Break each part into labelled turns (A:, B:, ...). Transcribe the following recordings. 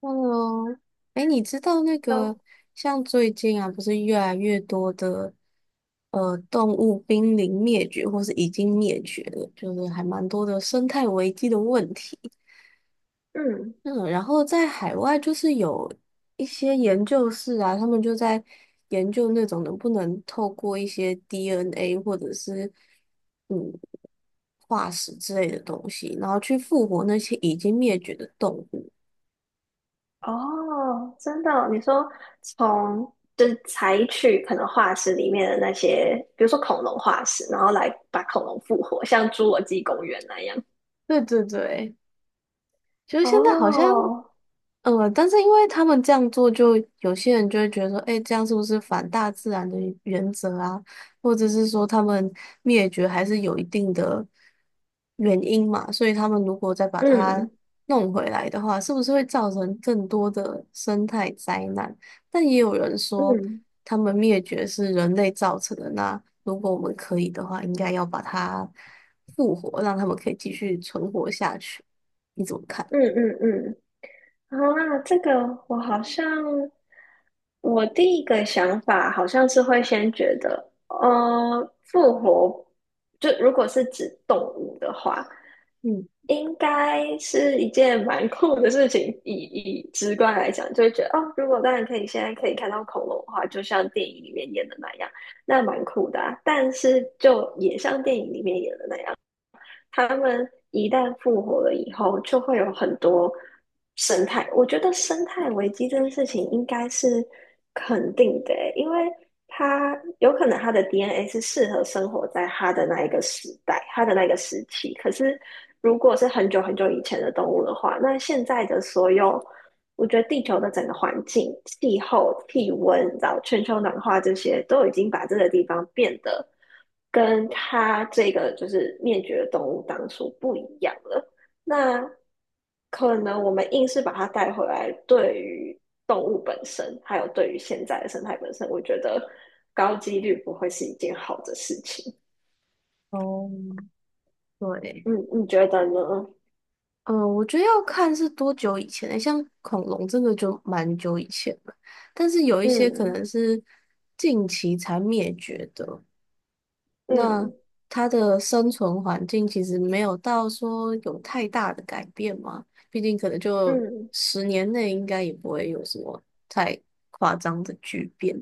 A: Hello，哎，你知道那
B: 都
A: 个像最近啊，不是越来越多的动物濒临灭绝，或是已经灭绝了，就是还蛮多的生态危机的问题。
B: 嗯，
A: 嗯，然后在海外就是有一些研究室啊，他们就在研究那种能不能透过一些 DNA 或者是嗯化石之类的东西，然后去复活那些已经灭绝的动物。
B: 哦，真的哦你说从就是采取可能化石里面的那些，比如说恐龙化石，然后来把恐龙复活，像侏罗纪公园那样。
A: 对对对，就是现在好像，
B: 哦，
A: 但是因为他们这样做，就有些人就会觉得说，哎，这样是不是反大自然的原则啊？或者是说他们灭绝还是有一定的原因嘛？所以他们如果再把它
B: 嗯
A: 弄回来的话，是不是会造成更多的生态灾难？但也有人说，
B: 嗯
A: 他们灭绝是人类造成的。那如果我们可以的话，应该要把它复活，让他们可以继续存活下去。你怎么看？
B: 嗯嗯嗯，啊，这个我好像我第一个想法好像是会先觉得，复活，就如果是指动物的话。
A: 嗯，
B: 应该是一件蛮酷的事情，以直观来讲，就会觉得哦，如果当然可以，现在可以看到恐龙的话，就像电影里面演的那样，那蛮酷的啊，但是就也像电影里面演的那样。他们一旦复活了以后，就会有很多生态。我觉得生态危机这件事情应该是肯定的欸，因为它有可能它的 DNA 是适合生活在它的那一个时代，它的那个时期。可是如果是很久很久以前的动物的话，那现在的所有，我觉得地球的整个环境、气候、气温，然后全球暖化这些，都已经把这个地方变得跟它这个就是灭绝的动物当初不一样了。那可能我们硬是把它带回来，对于动物本身，还有对于现在的生态本身，我觉得高几率不会是一件好的事情。
A: 哦，对，
B: 嗯，你觉得呢？
A: 嗯，我觉得要看是多久以前的，像恐龙这个就蛮久以前了，但是有一些可
B: 嗯
A: 能是近期才灭绝的，那
B: 嗯
A: 它的生存环境其实没有到说有太大的改变嘛，毕竟可能就
B: 嗯
A: 十年内应该也不会有什么太夸张的巨变。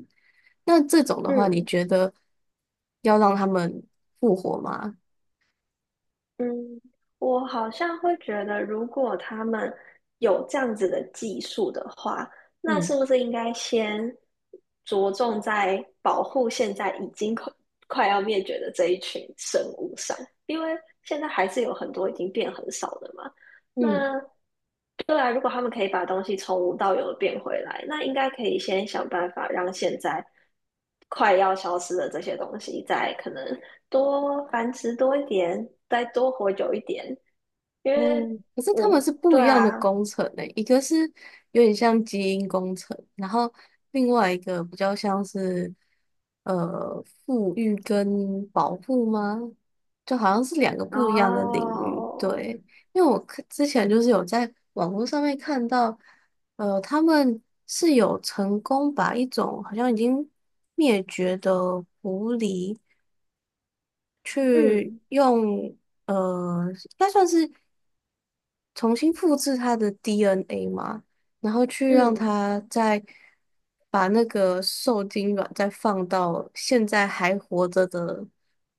A: 那这种的话，你
B: 嗯。
A: 觉得要让他们复活吗？
B: 嗯，我好像会觉得，如果他们有这样子的技术的话，那是
A: 嗯
B: 不是应该先着重在保护现在已经快要灭绝的这一群生物上？因为现在还是有很多已经变很少的嘛。那
A: 嗯。
B: 对啊，如果他们可以把东西从无到有的变回来，那应该可以先想办法让现在快要消失的这些东西，再可能多繁殖多一点，再多活久一点。因为
A: 嗯，可是他
B: 我
A: 们是不
B: 对
A: 一样的
B: 啊，
A: 工程呢、一个是有点像基因工程，然后另外一个比较像是富裕跟保护吗？就好像是两个不一样的领域。
B: 哦，
A: 对，因为我看之前就是有在网络上面看到，他们是有成功把一种好像已经灭绝的狐狸去
B: 嗯
A: 用。应该算是重新复制它的 DNA 嘛，然后去让
B: 嗯，
A: 它再把那个受精卵再放到现在还活着的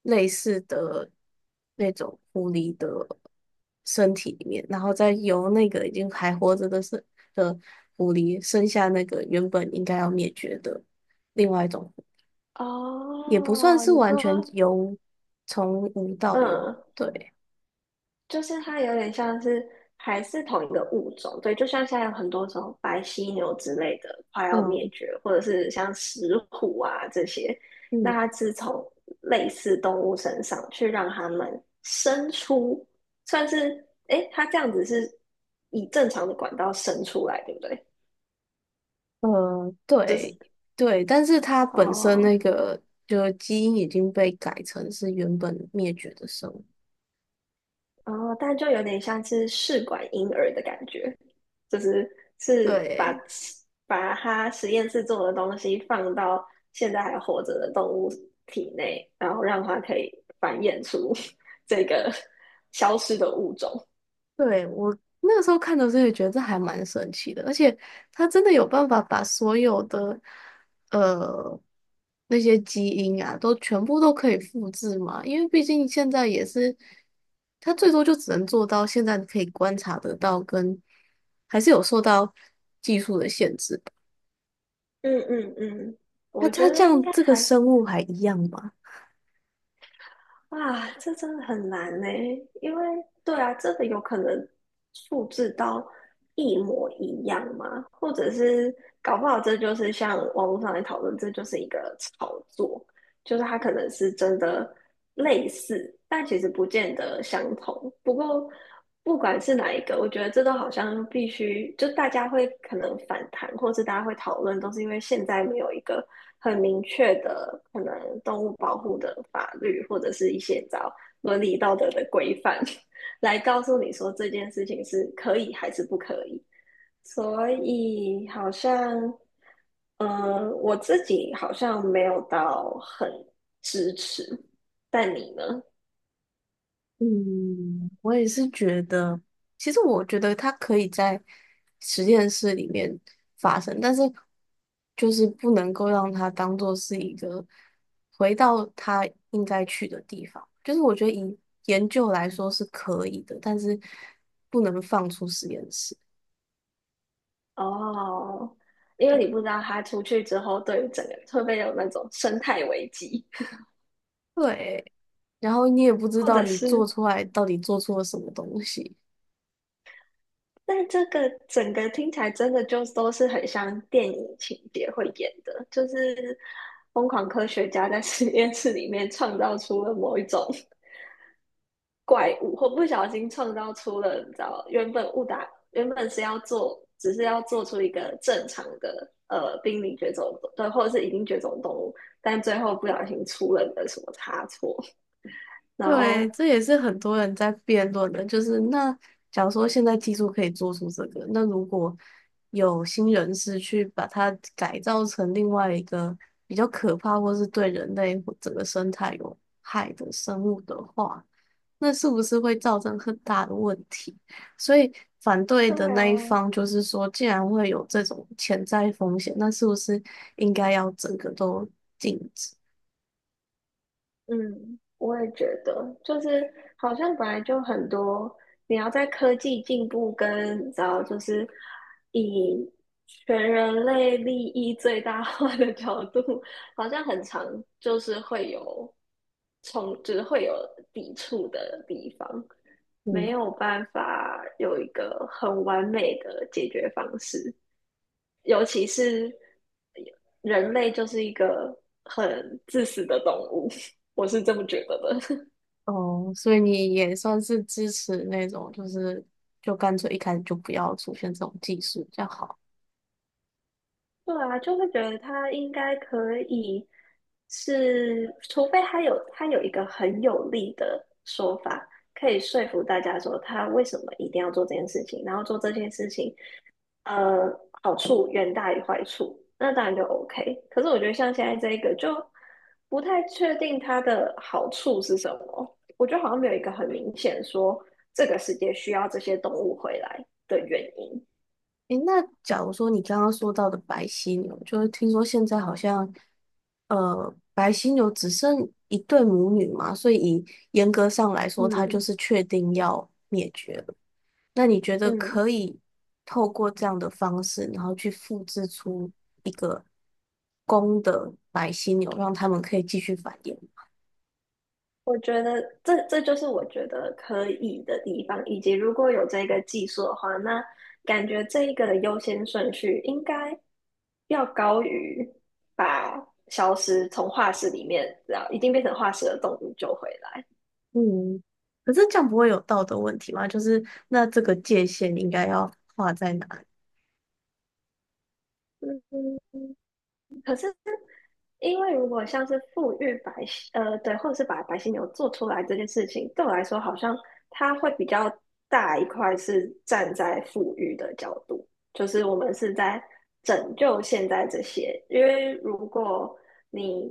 A: 类似的那种狐狸的身体里面，然后再由那个已经还活着的是的狐狸生下那个原本应该要灭绝的另外一种狐狸也不算
B: 哦，
A: 是
B: 你
A: 完
B: 说，
A: 全由从无到有，
B: 嗯，
A: 对，
B: 就是它有点像是还是同一个物种，对，就像现在有很多种白犀牛之类的快要灭
A: 嗯
B: 绝，或者是像石虎啊这些，那
A: 嗯。
B: 它是从类似动物身上去让它们生出，算是，诶，它这样子是以正常的管道生出来，对不对？就
A: 对
B: 是
A: 对，但是它本身那
B: 哦
A: 个就基因已经被改成是原本灭绝的生物。
B: 哦，但就有点像是试管婴儿的感觉。就是是把
A: 对，
B: 把它实验室做的东西放到现在还活着的动物体内，然后让它可以繁衍出 这个消失的物种。
A: 对，我那时候看的时候也觉得这还蛮神奇的，而且它真的有办法把所有的呃那些基因啊，都全部都可以复制嘛？因为毕竟现在也是，它最多就只能做到现在可以观察得到跟，还是有受到，
B: 嗯嗯嗯，
A: 那
B: 我觉
A: 它这
B: 得应
A: 样
B: 该
A: 这个
B: 还，
A: 生物还一样吗？
B: 啊，这真的很难呢，因为对啊，这个有可能复制到一模一样嘛，或者是搞不好这就是像网络上来讨论，这就是一个炒作，就是它可能是真的类似，但其实不见得相同。不过不管是哪一个，我觉得这都好像必须，就大家会可能反弹，或是大家会讨论，都是因为现在没有一个很明确的可能动物保护的法律，或者是一些找伦理道德的规范，来告诉你说这件事情是可以还是不可以。所以好像，嗯，我自己好像没有到很支持，但你呢？
A: 嗯，我也是觉得，其实我觉得它可以在实验室里面发生，但是就是不能够让它当做是一个回到它应该去的地方。就是我觉得以研究来说是可以的，但是不能放出实验室。
B: 哦，因为
A: 对，
B: 你不知道他出去之后，对于整个会不会有那种生态危机，
A: 对，然后你也不 知
B: 或
A: 道
B: 者
A: 你
B: 是，
A: 做出来到底做错了什么东西。
B: 但这个整个听起来真的就都是很像电影情节会演的，就是疯狂科学家在实验室里面创造出了某一种。怪物，或不小心创造出了，你知道，原本误打原本是要做，只是要做出一个正常的濒临绝种，对，或者是已经绝种动物，但最后不小心出了个什么差错，然
A: 对，
B: 后
A: 这也是很多人在辩论的，就是那假如说现在技术可以做出这个，那如果有新人士去把它改造成另外一个比较可怕或是对人类或整个生态有害的生物的话，那是不是会造成很大的问题？所以反对
B: 对
A: 的
B: 啊，
A: 那一方就是说，既然会有这种潜在风险，那是不是应该要整个都禁止？
B: 嗯，我也觉得，就是好像本来就很多，你要在科技进步跟你知道，就是以全人类利益最大化的角度，好像很常就是会有冲，就是会有抵触的地方，没
A: 嗯。
B: 有办法有一个很完美的解决方式。尤其是人类就是一个很自私的动物，我是这么觉得的。
A: 哦，所以你也算是支持那种，就是就干脆一开始就不要出现这种技术比较好。
B: 对啊，就会觉得他应该可以是，除非他有一个很有力的说法，可以说服大家说他为什么一定要做这件事情，然后做这件事情呃，好处远大于坏处，那当然就 OK。可是我觉得像现在这一个，就不太确定它的好处是什么。我觉得好像没有一个很明显说这个世界需要这些动物回来的原因。
A: 诶，那假如说你刚刚说到的白犀牛，就是听说现在好像，白犀牛只剩一对母女嘛，所以以严格上来说，它就
B: 嗯
A: 是确定要灭绝了。那你觉得
B: 嗯。
A: 可以透过这样的方式，然后去复制出一个公的白犀牛，让它们可以继续繁衍？
B: 我觉得这就是我觉得可以的地方，以及如果有这个技术的话，那感觉这一个的优先顺序应该要高于把消失从化石里面，然后一定变成化石的动物救回来。
A: 嗯，可是这样不会有道德问题吗？就是那这个界限应该要画在哪里？
B: 因为如果像是富裕白犀，对，或者是把白犀牛做出来这件事情，对我来说好像它会比较大一块是站在富裕的角度，就是我们是在拯救现在这些，因为如果你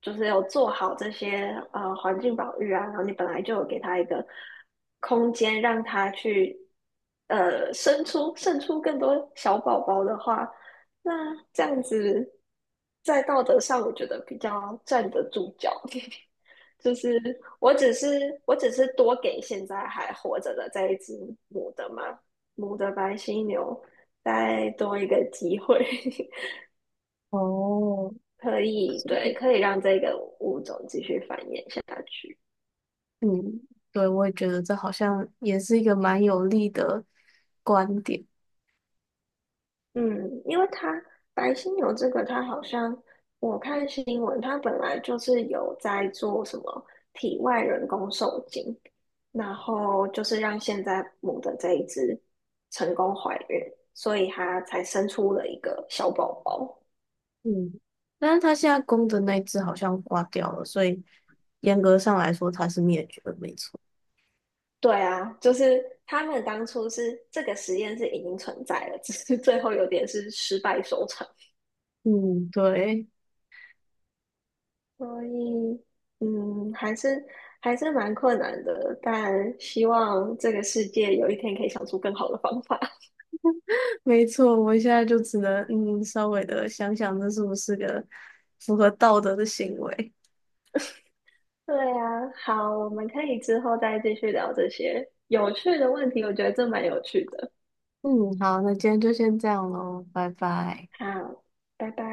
B: 就是有做好这些环境保育啊，然后你本来就有给它一个空间让它去生出更多小宝宝的话。那这样子，在道德上，我觉得比较站得住脚。就是我只是多给现在还活着的这一只母的嘛，母的白犀牛再多一个机会，
A: 哦，
B: 可以
A: 所
B: 对，
A: 以
B: 可以让这个物种继续繁衍下去。
A: 嗯，对，我也觉得这好像也是一个蛮有力的观点。
B: 嗯，因为它白犀牛这个，它好像我看新闻，它本来就是有在做什么体外人工受精，然后就是让现在母的这一只成功怀孕，所以它才生出了一个小宝宝。
A: 嗯，但是他现在公的那只好像挂掉了，所以严格上来说它是灭绝的，没错。
B: 对啊，就是他们当初是这个实验是已经存在了，只是最后有点是失败收场。
A: 嗯，对，
B: 所以，嗯，还是蛮困难的，但希望这个世界有一天可以想出更好的方法。
A: 没错，我现在就只能稍微的想想这是不是个符合道德的行为。
B: 对啊，好，我们可以之后再继续聊这些有趣的问题，我觉得这蛮有趣的。
A: 嗯，好，那今天就先这样喽，拜拜。
B: 好，拜拜。